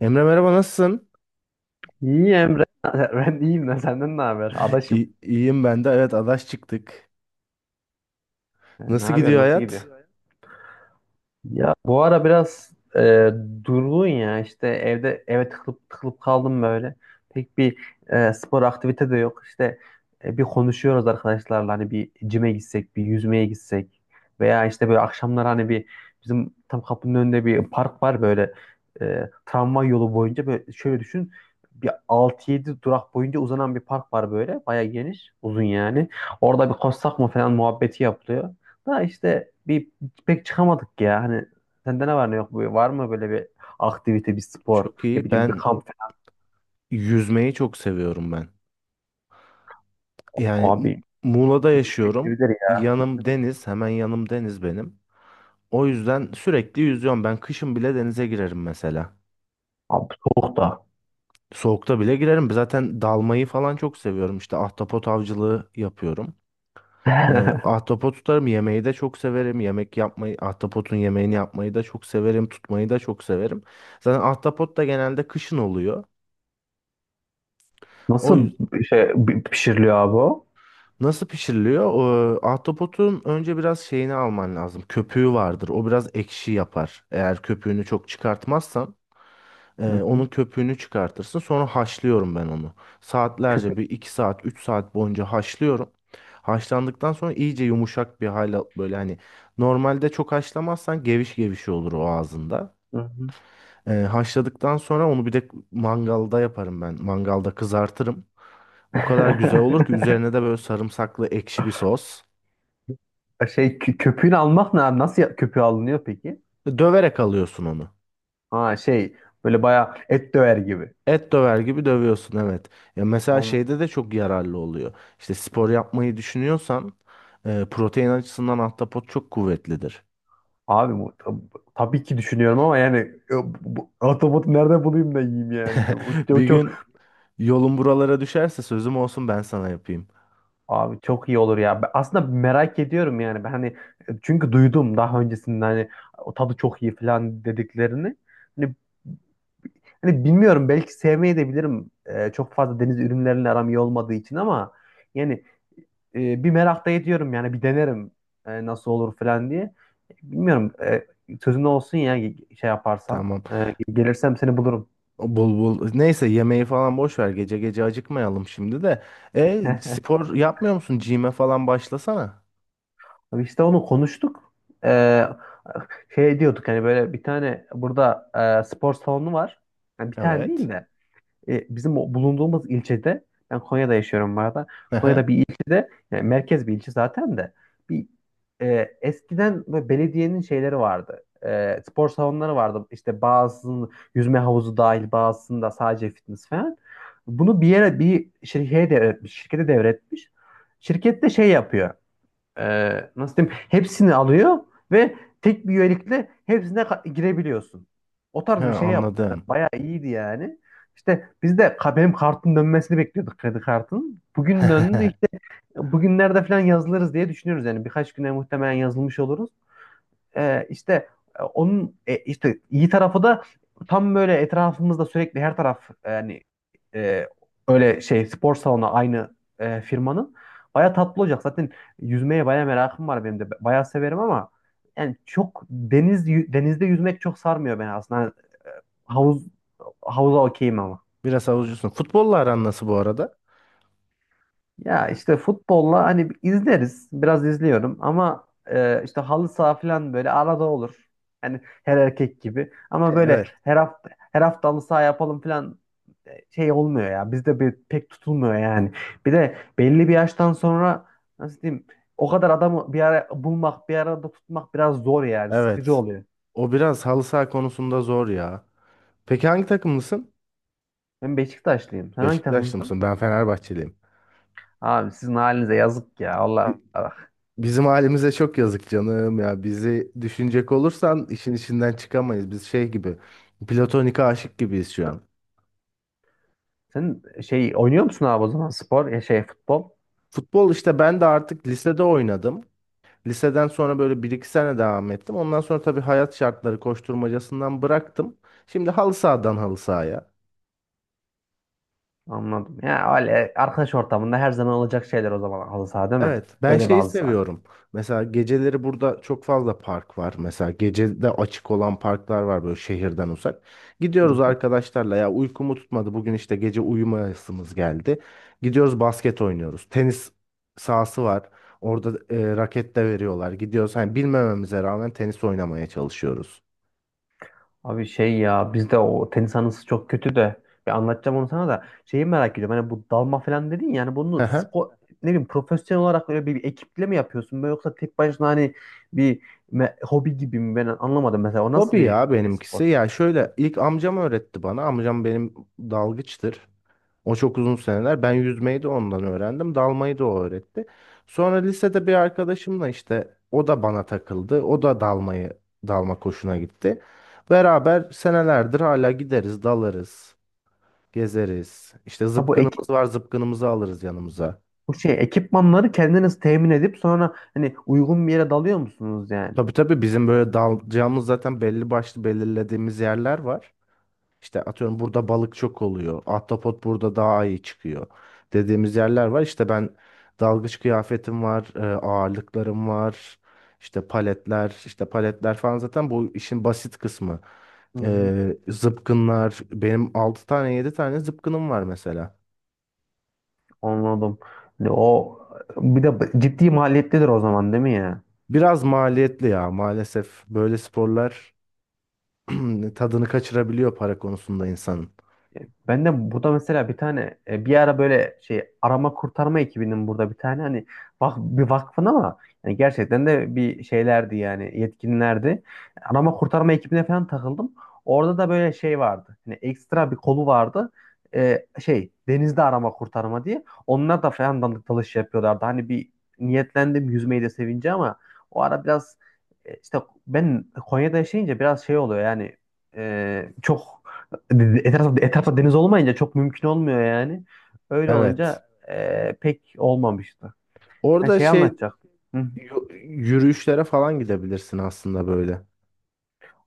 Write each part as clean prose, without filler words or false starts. Emre, merhaba, nasılsın? İyi Emre. Ben iyiyim de senden ne haber? Adaşım. İyiyim ben de. Evet, adaş çıktık. Ne Nasıl yapıyorsun? gidiyor Nasıl hayat? gidiyor? Ya bu ara biraz durgun ya işte eve tıkılıp tıkılıp kaldım böyle. Pek bir spor aktivite de yok. İşte bir konuşuyoruz arkadaşlarla, hani bir cime gitsek, bir yüzmeye gitsek veya işte böyle akşamlar hani bir, bizim tam kapının önünde bir park var böyle, tramvay yolu boyunca, böyle şöyle düşün, bir 6 yedi durak boyunca uzanan bir park var, böyle bayağı geniş, uzun yani. Orada bir koşsak mı falan muhabbeti yapılıyor. Da işte bir, pek çıkamadık ya. Hani sende ne var ne yok? Böyle var mı böyle bir aktivite, bir spor, Çok ne iyi. bileyim bir Ben kamp yüzmeyi çok seviyorum ben. Yani falan? Mu- Abi Muğla'da yüzmek yaşıyorum. sevilir ya. Yanım deniz. Hemen yanım deniz benim. O yüzden sürekli yüzüyorum. Ben kışın bile denize girerim mesela. Abi soğuk da. Soğukta bile girerim. Zaten dalmayı falan çok seviyorum. İşte ahtapot avcılığı yapıyorum. Ahtapot tutarım. Yemeği de çok severim. Yemek yapmayı, ahtapotun yemeğini yapmayı da çok severim. Tutmayı da çok severim. Zaten ahtapot da genelde kışın oluyor. O Nasıl yüz- bir şey pişiriliyor abi o? nasıl pişiriliyor? Ahtapotun önce biraz şeyini alman lazım. Köpüğü vardır. O biraz ekşi yapar, eğer köpüğünü çok çıkartmazsan. Hı Onun hı. köpüğünü çıkartırsın. Sonra haşlıyorum ben onu. Köpü. Saatlerce, bir 2 saat, 3 saat boyunca haşlıyorum. Haşlandıktan sonra iyice yumuşak bir hale, böyle, hani normalde çok haşlamazsan geviş geviş olur o ağzında. Hı hı. Haşladıktan sonra onu bir de mangalda yaparım ben. Mangalda kızartırım. O kadar güzel olur ki, üzerine de böyle sarımsaklı ekşi bir sos. Köpüğünü almak ne abi? Nasıl köpüğü alınıyor peki? Döverek alıyorsun onu. Ha, böyle bayağı et döver gibi. Et döver gibi dövüyorsun, evet. Ya mesela Am- şeyde de çok yararlı oluyor. İşte spor yapmayı düşünüyorsan protein açısından ahtapot çok kuvvetlidir. Abi bu tabii ki düşünüyorum ama yani, ahtapotu nerede bulayım da yiyeyim yani. O Bir gün çok. yolun buralara düşerse sözüm olsun, ben sana yapayım. Abi çok iyi olur ya. Ben aslında merak ediyorum yani. Ben hani, çünkü duydum daha öncesinde hani o tadı çok iyi falan dediklerini. Hani, hani, bilmiyorum, belki sevmeyi de bilirim. Çok fazla deniz ürünleriyle aram iyi olmadığı için ama yani, bir merak da ediyorum yani, bir denerim nasıl olur falan diye. Bilmiyorum. E, sözün olsun ya, şey yaparsan. Tamam. E, gelirsem seni bulurum. O, bul bul. Neyse, yemeği falan boş ver. Gece gece acıkmayalım şimdi de. E, spor yapmıyor musun? Gym'e falan başlasana. İşte onu konuştuk. Ee, şey diyorduk, hani böyle bir tane burada spor salonu var. Yani bir tane Evet. değil de, bizim o bulunduğumuz ilçede, ben Konya'da yaşıyorum bu arada. Konya'da bir ilçede, yani merkez bir ilçe zaten, de bir eskiden böyle belediyenin şeyleri vardı. E, spor salonları vardı. İşte bazısının yüzme havuzu dahil, bazısında sadece fitness falan. Bunu bir yere, bir şirkete devretmiş. Şirkete devretmiş. Şirket de şey yapıyor, e, nasıl diyeyim, hepsini alıyor ve tek bir üyelikle hepsine girebiliyorsun. O He, tarz bir şey yapmışlar. anladım. Bayağı iyiydi yani. İşte biz de benim kartın dönmesini bekliyorduk, kredi kartın. Bugün döndü işte, bugünlerde falan yazılırız diye düşünüyoruz, yani birkaç güne muhtemelen yazılmış oluruz, işte, onun, işte iyi tarafı da, tam böyle etrafımızda sürekli her taraf yani, e, öyle şey spor salonu, aynı firmanın. Baya tatlı olacak. Zaten yüzmeye baya merakım var benim de. Baya severim ama yani, çok denizde yüzmek çok sarmıyor beni aslında. Hani havuz havuza okeyim ama. Biraz havucusun. Futbolla aran nasıl bu arada? Ya işte futbolla hani izleriz. Biraz izliyorum ama, işte halı saha falan böyle arada olur. Hani her erkek gibi. Ama böyle Evet. her hafta her hafta halı saha yapalım falan, şey olmuyor ya. Bizde bir, pek tutulmuyor yani. Bir de belli bir yaştan sonra, nasıl diyeyim, o kadar adamı bir ara bulmak, bir arada tutmak biraz zor yani. Sıkıcı Evet. oluyor. O biraz halı saha konusunda zor ya. Peki hangi takımlısın? Ben Beşiktaşlıyım. Sen hangi Beşiktaşlı takımlısın? mısın? Ben Fenerbahçeliyim. Abi sizin halinize yazık ya. Allah Bi- Allah. Bizim halimize çok yazık canım ya. Bizi düşünecek olursan işin içinden çıkamayız. Biz şey gibi, platonik aşık gibiyiz şu an. Sen şey oynuyor musun abi, o zaman spor, ya şey futbol? Futbol, işte ben de artık lisede oynadım. Liseden sonra böyle bir iki sene devam ettim. Ondan sonra tabii hayat şartları koşturmacasından bıraktım. Şimdi halı sahadan halı sahaya. Anladım. Ya öyle arkadaş ortamında her zaman olacak şeyler, o zaman halı saha, değil mi? Evet, ben Öyle bir şeyi halı saha. seviyorum. Mesela geceleri burada çok fazla park var. Mesela gecede açık olan parklar var, böyle şehirden uzak. Hı Gidiyoruz hı. arkadaşlarla, ya uykumu tutmadı, bugün işte gece uyumayasımız geldi. Gidiyoruz basket oynuyoruz. Tenis sahası var. Orada raket de veriyorlar. Gidiyoruz, hani bilmememize rağmen tenis oynamaya çalışıyoruz. Abi şey, ya bizde o tenis anısı çok kötü de, bir anlatacağım onu sana, da şeyi merak ediyorum. Hani bu dalma falan dedin ya, yani Hı bunu hı. spor, ne bileyim, profesyonel olarak öyle bir ekiple mi yapıyorsun böyle, yoksa tek başına hani bir hobi gibi mi, ben anlamadım mesela o nasıl Hobi bir ya spor? benimkisi. Ya şöyle, ilk amcam öğretti bana. Amcam benim dalgıçtır. O çok uzun seneler. Ben yüzmeyi de ondan öğrendim. Dalmayı da o öğretti. Sonra lisede bir arkadaşımla, işte o da bana takıldı. O da dalmayı, dalma koşuna gitti. Beraber senelerdir hala gideriz, dalarız, gezeriz. İşte Ha bu ek zıpkınımız var, zıpkınımızı alırız yanımıza. bu şey ekipmanları kendiniz temin edip sonra hani uygun bir yere dalıyor musunuz yani? Tabii, tabii bizim böyle dalacağımız zaten belli başlı belirlediğimiz yerler var. İşte atıyorum, burada balık çok oluyor. Ahtapot burada daha iyi çıkıyor. Dediğimiz yerler var. İşte ben dalgıç kıyafetim var, ağırlıklarım var. İşte paletler, işte paletler falan zaten bu işin basit kısmı. E, zıpkınlar, benim 6 tane 7 tane zıpkınım var mesela. Anladım. O bir de ciddi maliyetlidir o zaman, değil mi ya? Biraz maliyetli ya, maalesef böyle sporlar tadını kaçırabiliyor para konusunda insanın. E, ben de burada mesela bir tane, bir ara böyle şey arama kurtarma ekibinin burada bir tane, hani bir vakfın, ama yani gerçekten de bir şeylerdi yani, yetkinlerdi. Arama kurtarma ekibine falan takıldım. Orada da böyle şey vardı. Hani ekstra bir kolu vardı. E, şey denizde arama kurtarma diye. Onlar da falan dandik dalış yapıyorlardı. Hani bir niyetlendim, yüzmeyi de sevince, ama o ara biraz, işte ben Konya'da yaşayınca biraz şey oluyor yani, çok. Etrafta deniz olmayınca çok mümkün olmuyor yani. Öyle Evet. olunca, pek olmamıştı. Hani Orada şey şey, anlatacaktım. Hı. Yürüyüşlere falan gidebilirsin aslında böyle.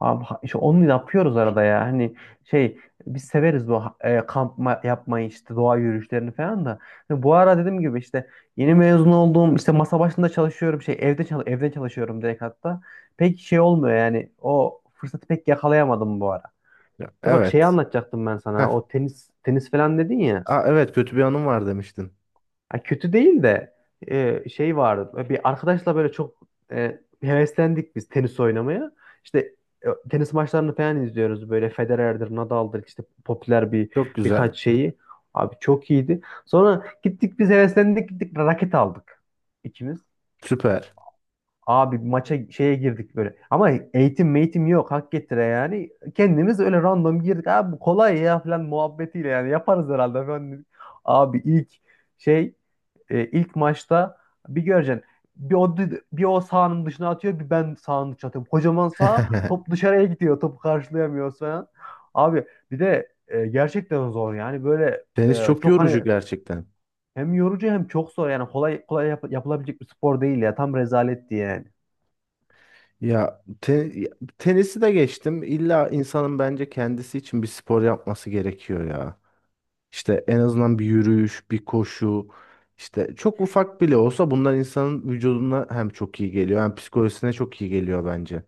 Abi, işte onu yapıyoruz arada ya. Hani şey, biz severiz bu, kamp yapmayı, işte doğa yürüyüşlerini falan da. Hani bu ara dediğim gibi işte yeni mezun oldum. İşte masa başında çalışıyorum. Evden çalışıyorum direkt hatta. Pek şey olmuyor yani. O fırsatı pek yakalayamadım bu ara. Ya, De bak, şeyi evet. anlatacaktım ben Heh. sana. O tenis falan dedin ya. Aa, evet, kötü bir anım var demiştin. Ha, kötü değil de, şey vardı. Bir arkadaşla böyle çok heveslendik biz tenis oynamaya. İşte tenis maçlarını falan izliyoruz böyle, Federer'dir, Nadal'dır, işte popüler bir Çok güzel. birkaç şeyi. Abi çok iyiydi. Sonra gittik, biz heveslendik, gittik raket aldık ikimiz. Süper. Abi maça şeye girdik böyle. Ama eğitim meğitim yok, hak getire yani. Kendimiz öyle random girdik. Abi bu kolay ya falan muhabbetiyle, yani yaparız herhalde falan, dedik. Abi ilk şey, ilk maçta bir göreceksin. Bir o, bir o sahanın dışına atıyor, bir ben sahanın dışına atıyorum. Kocaman saha, top dışarıya gidiyor. Topu karşılayamıyoruz falan. Abi bir de gerçekten zor yani böyle, Tenis çok çok hani yorucu gerçekten. hem yorucu hem çok zor yani, kolay kolay yapılabilecek bir spor değil ya. Tam rezaletti yani. Ya te- ya, tenisi de geçtim. İlla insanın bence kendisi için bir spor yapması gerekiyor ya. İşte en azından bir yürüyüş, bir koşu. İşte çok ufak bile olsa bunlar insanın vücuduna hem çok iyi geliyor hem psikolojisine çok iyi geliyor bence.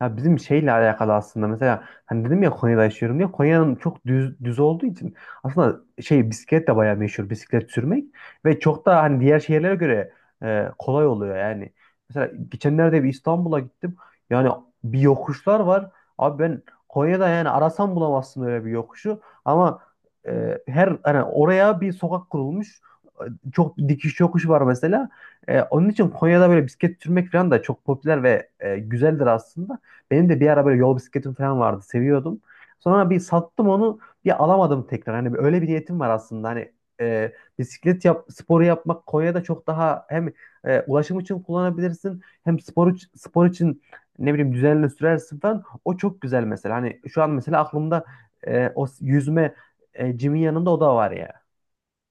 Ya bizim şeyle alakalı aslında, mesela hani dedim ya Konya'da yaşıyorum diye, Konya'nın çok düz düz olduğu için aslında şey, bisiklet de bayağı meşhur, bisiklet sürmek, ve çok da hani diğer şehirlere göre kolay oluyor yani. Mesela geçenlerde bir İstanbul'a gittim. Yani bir yokuşlar var. Abi ben Konya'da, yani arasam bulamazsın öyle bir yokuşu, ama her hani oraya bir sokak kurulmuş. E, çok dikiş yokuş var mesela. E, onun için Konya'da böyle bisiklet sürmek falan da çok popüler ve güzeldir aslında. Benim de bir ara böyle yol bisikletim falan vardı. Seviyordum. Sonra bir sattım onu. Bir alamadım tekrar. Hani öyle bir niyetim var aslında. Hani e, bisiklet sporu yapmak Konya'da çok daha hem ulaşım için kullanabilirsin, hem spor, spor için, ne bileyim, düzenli sürersin falan. O çok güzel mesela. Hani şu an mesela aklımda o yüzme, cimin yanında o da var ya.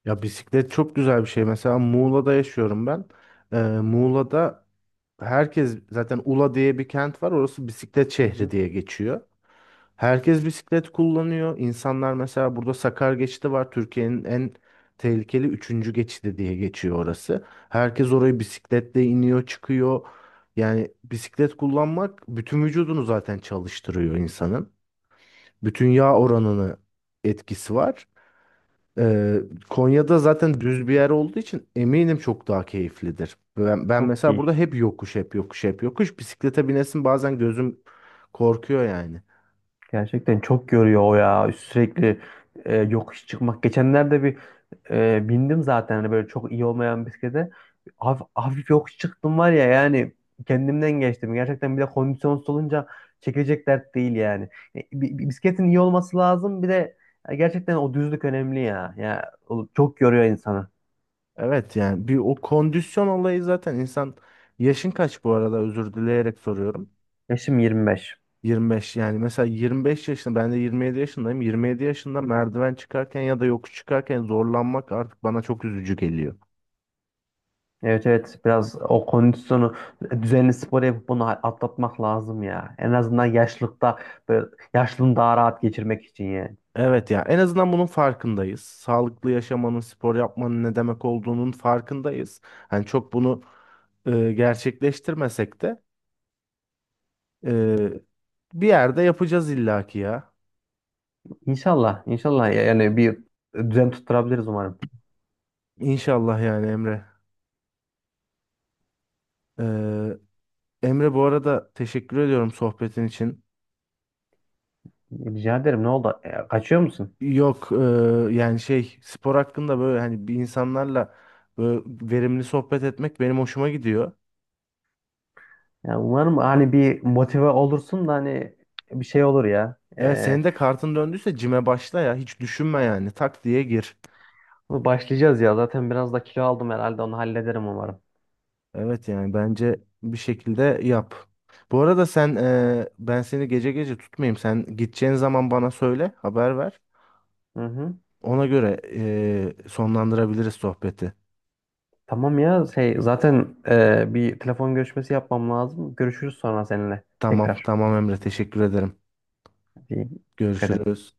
Ya bisiklet çok güzel bir şey. Mesela Muğla'da yaşıyorum ben. Muğla'da herkes zaten, Ula diye bir kent var, orası bisiklet Hı şehri hı. diye geçiyor. Herkes bisiklet kullanıyor. İnsanlar, mesela burada Sakar geçidi var, Türkiye'nin en tehlikeli üçüncü geçidi diye geçiyor orası. Herkes orayı bisikletle iniyor, çıkıyor. Yani bisiklet kullanmak bütün vücudunu zaten çalıştırıyor insanın. Bütün yağ oranını etkisi var. Ee, Konya'da zaten düz bir yer olduğu için eminim çok daha keyiflidir. Ben Çok mesela iyi. burada hep yokuş, hep yokuş, hep yokuş. Bisiklete binesin bazen gözüm korkuyor yani. Gerçekten çok görüyor o ya. Sürekli yokuş çıkmak. Geçenlerde bir bindim zaten hani böyle çok iyi olmayan bisiklete. Hafif, hafif yokuş çıktım, var ya yani, kendimden geçtim. Gerçekten bir de kondisyonsuz olunca çekilecek dert değil yani. Bisikletin iyi olması lazım. Bir de gerçekten o düzlük önemli ya. Ya o çok yoruyor insanı. Evet, yani bir o kondisyon olayı zaten insan. Yaşın kaç bu arada, özür dileyerek soruyorum. Yaşım 25. 25, yani mesela 25 yaşında, ben de 27 yaşındayım. 27 yaşında merdiven çıkarken ya da yokuş çıkarken zorlanmak artık bana çok üzücü geliyor. Evet evet, biraz o kondisyonu düzenli spor yapıp bunu atlatmak lazım ya. En azından yaşlılıkta böyle, yaşlılığını daha rahat geçirmek için yani. Evet ya, en azından bunun farkındayız. Sağlıklı yaşamanın, spor yapmanın ne demek olduğunun farkındayız. Hani çok bunu gerçekleştirmesek de, e, bir yerde yapacağız illaki ya. İnşallah inşallah, yani bir düzen tutturabiliriz umarım. İnşallah yani, Emre. E, Emre, bu arada teşekkür ediyorum sohbetin için. Rica ederim, ne oldu? E, kaçıyor musun? Yok, yani şey, spor hakkında böyle, hani bir insanlarla böyle verimli sohbet etmek benim hoşuma gidiyor. Ya umarım hani bir motive olursun da hani bir şey olur ya. Evet, E, senin de kartın döndüyse cime başla ya, hiç düşünme, yani tak diye gir. başlayacağız ya zaten, biraz da kilo aldım herhalde, onu hallederim umarım. Evet, yani bence bir şekilde yap. Bu arada sen, ben seni gece gece tutmayayım. Sen gideceğin zaman bana söyle, haber ver. Hı hı. Ona göre sonlandırabiliriz sohbeti. Tamam ya, şey zaten, bir telefon görüşmesi yapmam lazım. Görüşürüz sonra seninle Tamam, tekrar. tamam Emre, teşekkür ederim. İyi. Dikkat et. Görüşürüz.